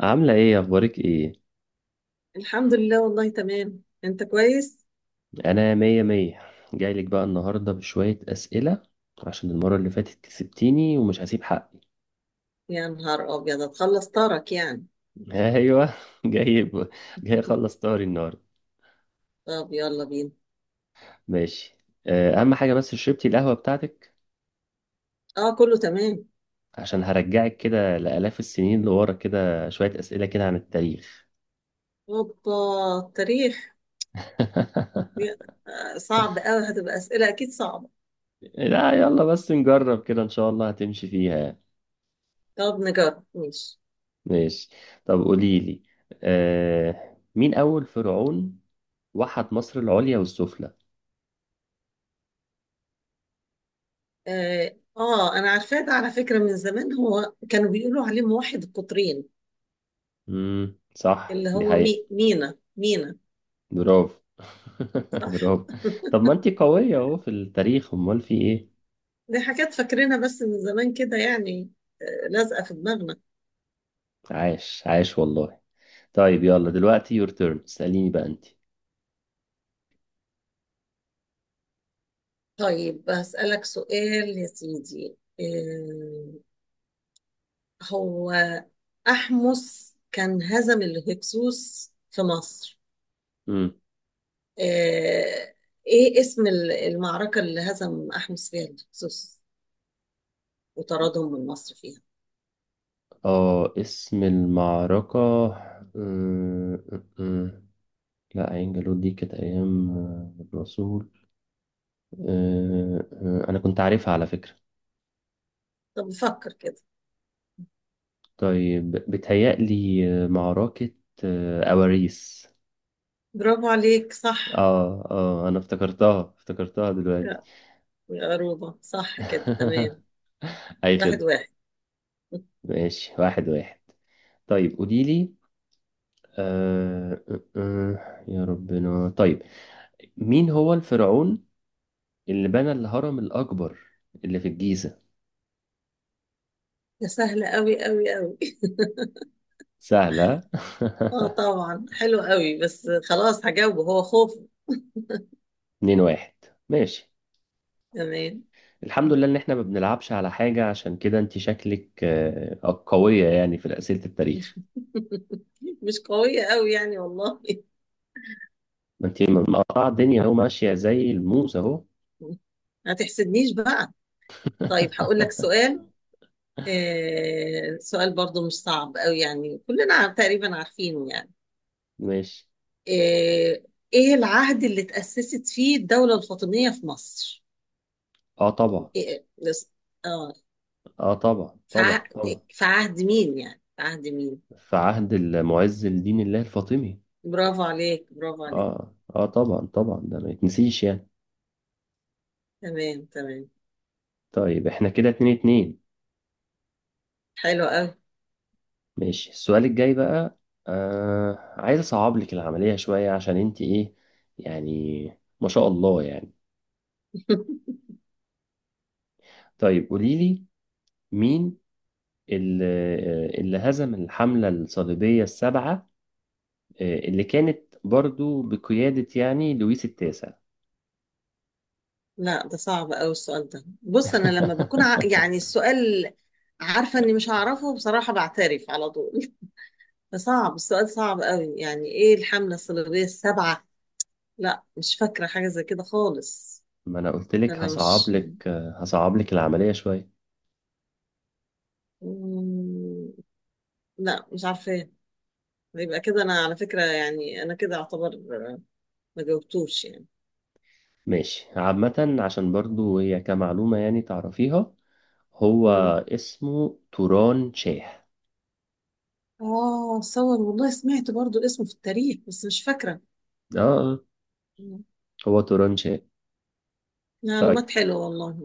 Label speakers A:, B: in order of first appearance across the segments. A: عاملة ايه اخبارك ايه؟
B: الحمد لله والله تمام، انت كويس؟
A: انا مية مية. جايلك بقى النهاردة بشوية اسئلة عشان المرة اللي فاتت كسبتيني ومش هسيب حقي.
B: يا نهار ابيض، هتخلص طارك يعني.
A: ايوه. جاي ب... جاي اخلص طاري النهاردة.
B: طب يلا بينا.
A: ماشي. اهم حاجة بس شربتي القهوة بتاعتك؟
B: اه كله تمام.
A: عشان هرجعك كده لآلاف السنين لورا كده شوية اسئلة كده عن التاريخ.
B: اوبا. التاريخ. يا- صعب قوي، هتبقى اسئله اكيد صعبه.
A: لا يلا بس نجرب كده ان شاء الله هتمشي فيها.
B: طب نجرب ماشي.
A: ماشي. طب قوليلي، مين اول فرعون وحد مصر العليا والسفلى؟
B: انا عارفاه ده على فكره من زمان. هو كانوا بيقولوا عليه موحد القطرين.
A: امم، صح
B: اللي
A: دي
B: هو
A: حقيقة.
B: مي مينا مينا.
A: برافو.
B: صح.
A: برافو. طب ما انتي قوية اهو في التاريخ، امال في ايه؟
B: دي حاجات فاكرينها بس من زمان كده يعني. لازقه في دماغنا.
A: عاش عاش والله. طيب يلا دلوقتي يور تيرن اسأليني بقى انتي.
B: طيب بسألك سؤال يا سيدي. هو أحمس كان هزم الهكسوس في مصر.
A: امم.
B: آه، إيه اسم المعركة اللي هزم أحمس فيها الهكسوس وطردهم من مصر فيها؟
A: اه اسم المعركة. أمم، أمم. لا عين جالوت دي كانت ايام الرسول. آه، انا كنت عارفها على فكرة.
B: طب فكر كده.
A: طيب بتهيألي معركة أواريس.
B: برافو عليك، صح.
A: اه اه انا افتكرتها دلوقتي.
B: لا يا عروبة، صح كده تمام.
A: اي
B: واحد
A: خدمة.
B: واحد.
A: ماشي واحد واحد. طيب قولي لي، يا ربنا طيب، مين هو الفرعون اللي بنى الهرم الأكبر اللي في الجيزة؟
B: ده سهل قوي قوي قوي.
A: سهلة.
B: اه طبعا حلو قوي، بس خلاص هجاوبه، هو خوف.
A: اتنين واحد. ماشي.
B: كمان.
A: الحمد لله ان احنا ما بنلعبش على حاجة، عشان كده انت شكلك قوية يعني في أسئلة التاريخ.
B: مش قوية قوي يعني والله.
A: ما انت مقطعة الدنيا اهو، ماشية زي الموز اهو.
B: ما تحسدنيش بقى. طيب هقول لك سؤال. آه، سؤال برضو مش صعب قوي يعني، كلنا تقريبا عارفينه يعني.
A: ماشي.
B: آه، ايه العهد اللي تأسست فيه الدولة الفاطمية في مصر؟
A: اه طبعا.
B: إيه لس- اه
A: اه طبعا
B: في
A: طبعا طبعا.
B: في عهد مين يعني في عهد مين؟
A: في عهد المعز لدين الله الفاطمي.
B: برافو عليك، برافو عليك.
A: اه اه طبعا طبعا، ده ما يتنسيش يعني.
B: تمام تمام.
A: طيب احنا كده اتنين اتنين.
B: حلو قوي.
A: ماشي، السؤال الجاي بقى. آه عايز اصعب لك العملية شوية، عشان انت ايه، يعني ما شاء الله يعني. طيب قولي لي، مين اللي, اللي هزم الحملة الصليبية السبعة، اللي كانت برضو بقيادة يعني لويس التاسع؟
B: لا، ده صعب قوي السؤال ده. بص انا لما بكون يعني السؤال عارفه اني مش هعرفه بصراحه، بعترف على طول. فصعب السؤال، صعب قوي يعني. ايه الحمله الصليبيه السبعه؟ لا مش فاكره حاجه زي كده خالص.
A: ما انا قلت لك
B: انا
A: هصعب
B: مش
A: لك، هصعب لك العملية شوية.
B: مم، لا مش عارفه. يبقى كده انا على فكره يعني، انا كده اعتبر ما جاوبتوش يعني.
A: ماشي عامة عشان برضو هي كمعلومة يعني تعرفيها. هو
B: مم.
A: اسمه توران شاه.
B: اه صور، والله سمعت برضو اسمه في التاريخ بس مش فاكره.
A: اه هو توران شاه. طيب
B: معلومات حلوة والله.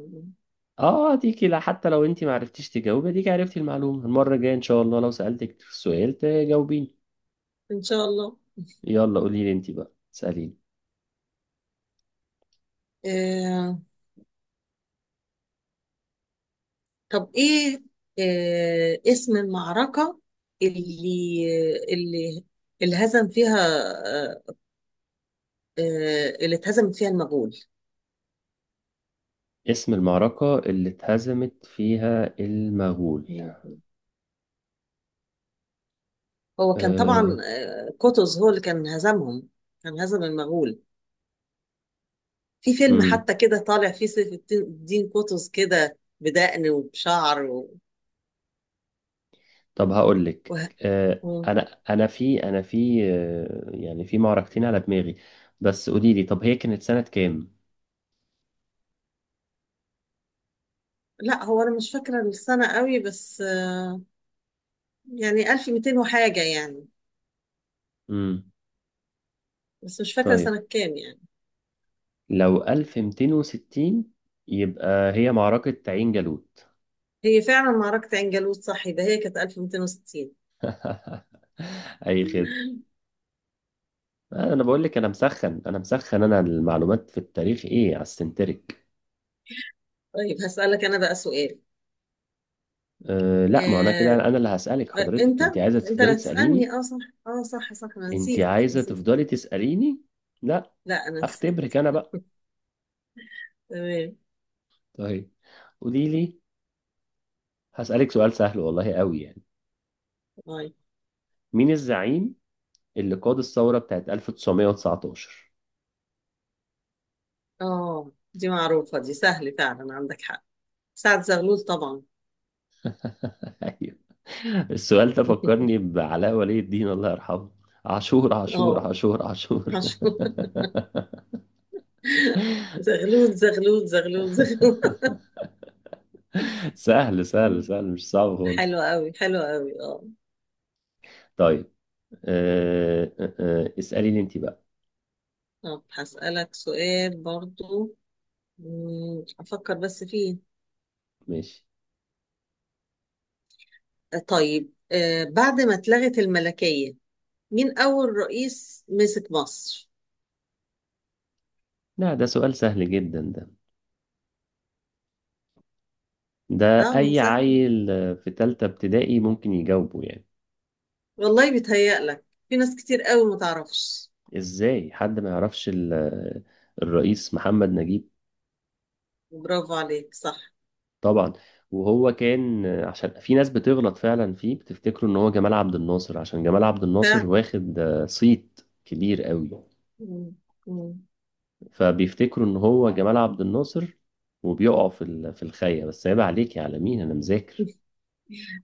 A: اه ديكي لا حتى لو انت ما عرفتيش تجاوبي، ديكي عرفتي المعلومة، المرة الجاية ان شاء الله لو سألتك السؤال تجاوبيني.
B: إن شاء الله.
A: يلا قولي لي انت بقى سأليني.
B: آه، طب إيه اسم المعركة اللي اللي اللي هزم فيها آه، اللي اتهزمت فيها المغول؟
A: اسم المعركة اللي اتهزمت فيها المغول.
B: هو كان
A: آه.
B: طبعا، قطز هو اللي كان هزمهم. كان هزم المغول. في فيلم حتى كده طالع فيه سيف الدين قطز، كده بدقن وبشعر و...
A: طب هقول
B: و...
A: لك،
B: و...
A: انا انا في يعني في معركتين على دماغي، بس قولي لي طب هي كانت سنة كام؟
B: لا هو أنا مش فاكرة السنة قوي، بس يعني 1200 وحاجة يعني.
A: امم.
B: بس مش فاكرة
A: طيب
B: سنة كام يعني.
A: لو 1260 يبقى هي معركة عين جالوت.
B: هي فعلا معركة عين جالوت، صح ده، هي كانت 1260.
A: اي خدمة. انا بقول لك انا مسخن انا المعلومات في التاريخ ايه على السنتريك.
B: طيب هسألك أنا بقى سؤال.
A: أه لا ما انا كده
B: آه،
A: انا اللي هسألك حضرتك.
B: أنت،
A: انت عايزة
B: أنت
A: تفضلي
B: لا تسألني،
A: تسأليني؟
B: أه صح. أه صح صح، أنا
A: انت
B: نسيت
A: عايزة
B: نسيت.
A: تفضلي تسأليني لا
B: لا أنا نسيت.
A: اختبرك انا بقى.
B: تمام.
A: طيب قولي لي. هسألك سؤال سهل والله قوي يعني.
B: طيب.
A: مين الزعيم اللي قاد الثورة بتاعت 1919؟
B: أه دي معروفة دي، سهل فعلا عندك حق. سعد زغلول طبعا.
A: ايوه. السؤال ده فكرني بعلاء ولي الدين الله يرحمه. عاشور عاشور
B: أه
A: عاشور عاشور.
B: مشهور. زغلول زغلول زغلول زغلول.
A: سهل سهل سهل مش صعب خالص.
B: حلو قوي، حلو قوي، أه.
A: طيب أه أه، اسأليني انت بقى.
B: طب هسألك سؤال برضو. مم، أفكر بس فيه.
A: ماشي.
B: طيب، بعد ما اتلغت الملكية، مين أول رئيس مسك مصر؟
A: لا ده سؤال سهل جدا ده، ده
B: اه ما هو
A: اي
B: سهل،
A: عيل في تالتة ابتدائي ممكن يجاوبه يعني.
B: والله بيتهيألك في ناس كتير قوي ما تعرفش.
A: ازاي حد ما يعرفش الرئيس محمد نجيب؟
B: برافو عليك، صح.
A: طبعا. وهو كان عشان في ناس بتغلط فعلا فيه بتفتكره ان هو جمال عبد الناصر، عشان جمال عبد الناصر
B: فعلا.
A: واخد صيت كبير قوي.
B: مم، مم.
A: فبيفتكروا ان هو جمال عبد الناصر وبيقعوا في في الخاية، بس عيب عليك يا عالمين انا مذاكر.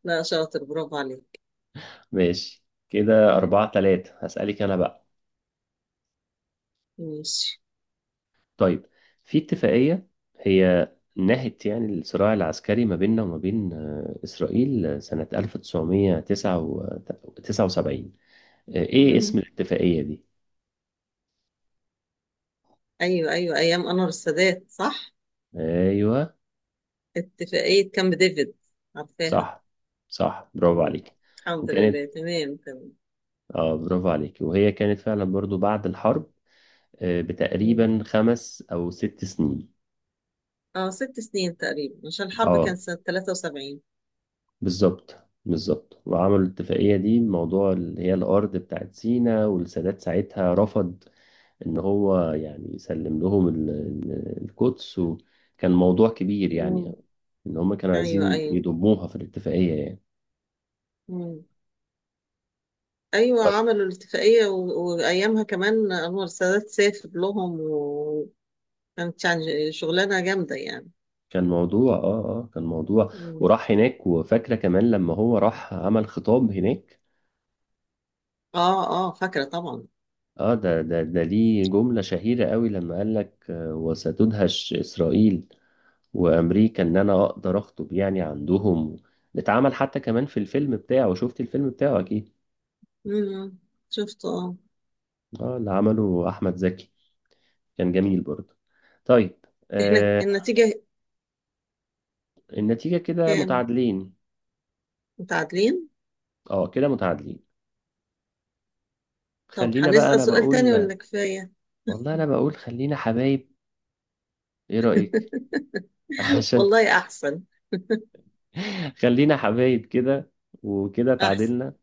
B: لا شاطر، برافو عليك.
A: ماشي كده أربعة تلاتة، هسألك أنا بقى.
B: ماشي.
A: طيب، في اتفاقية هي نهت يعني الصراع العسكري ما بيننا وما بين إسرائيل سنة 1979، إيه
B: مم.
A: اسم الاتفاقية دي؟
B: أيوة أيوة، أيام أنور السادات صح.
A: ايوه
B: اتفاقية كامب ديفيد، عارفاها.
A: صح. صح برافو
B: مم.
A: عليك.
B: الحمد
A: وكانت
B: لله، تمام تمام.
A: اه برافو عليك، وهي كانت فعلا برضو بعد الحرب بتقريبا خمس او ست سنين.
B: اه ست سنين تقريبا، عشان الحرب
A: اه
B: كانت سنة 73.
A: بالظبط، بالظبط. وعملوا الاتفاقية دي موضوع اللي هي الارض بتاعت سينا، والسادات ساعتها رفض ان هو يعني يسلم لهم القدس، وكان موضوع كبير يعني،
B: مم.
A: ان هم كانوا
B: ايوه
A: عايزين
B: ايوه.
A: يضموها في الاتفاقية يعني.
B: مم. ايوه عملوا الاتفاقية و... وايامها كمان انور السادات سافر لهم، وكانت يعني شغلانة جامدة يعني.
A: كان موضوع اه اه كان موضوع.
B: مم.
A: وراح هناك، وفاكرة كمان لما هو راح عمل خطاب هناك.
B: اه اه فاكرة طبعا.
A: اه ده ده ده ليه جملة شهيرة قوي لما قال لك، وستدهش إسرائيل وأمريكا إن أنا أقدر أخطب يعني عندهم. اتعمل حتى كمان في الفيلم بتاعه، شفت الفيلم بتاعه أكيد.
B: مم. شفت اه.
A: اه اللي عمله أحمد زكي، كان جميل برضه. طيب
B: احنا
A: آه.
B: النتيجة
A: النتيجة كده
B: كام؟
A: متعادلين.
B: متعادلين.
A: اه كده متعادلين.
B: طب
A: خلينا بقى
B: هنسأل
A: أنا
B: سؤال تاني
A: بقول،
B: ولا كفاية؟
A: والله أنا بقول خلينا حبايب، إيه رأيك؟ عشان
B: والله احسن.
A: خلينا حبايب كده وكده
B: احسن.
A: تعادلنا،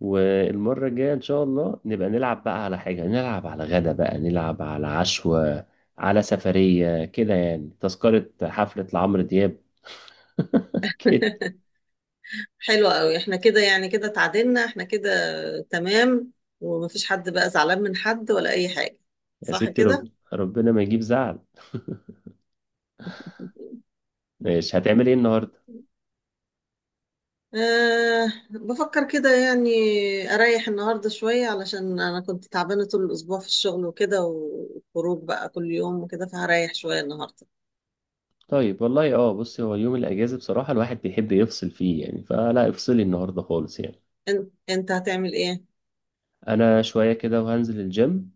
A: والمرة الجاية إن شاء الله نبقى نلعب بقى على حاجة، نلعب على غدا بقى، نلعب على عشوة، على سفرية كده يعني، تذكرة حفلة لعمرو دياب. كده.
B: حلو قوي، احنا كده يعني كده اتعادلنا احنا كده. تمام. ومفيش حد بقى زعلان من حد ولا اي حاجة،
A: يا
B: صح
A: ستي،
B: كده؟
A: ربنا ما يجيب زعل. مش هتعمل ايه النهاردة؟
B: أه بفكر كده يعني اريح النهاردة شوية، علشان انا كنت تعبانة طول الاسبوع في الشغل وكده، وخروج بقى كل يوم وكده، فهريح شوية النهاردة.
A: طيب والله اه بصي، هو يوم الأجازة بصراحة الواحد بيحب يفصل فيه يعني، فلا افصلي النهاردة خالص يعني.
B: انت، انت هتعمل ايه؟
A: أنا شوية كده وهنزل الجيم،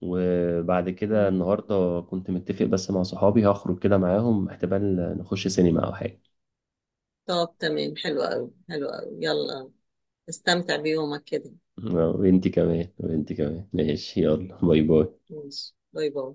A: وبعد كده
B: مم.
A: النهارده كنت متفق بس مع صحابي هخرج كده معاهم، احتمال نخش سينما او حاجه.
B: طب تمام، حلو قوي حلو قوي، يلا استمتع بيومك كده.
A: وانتي كمان، وانتي كمان، ماشي يلا باي باي.
B: ماشي باي باي.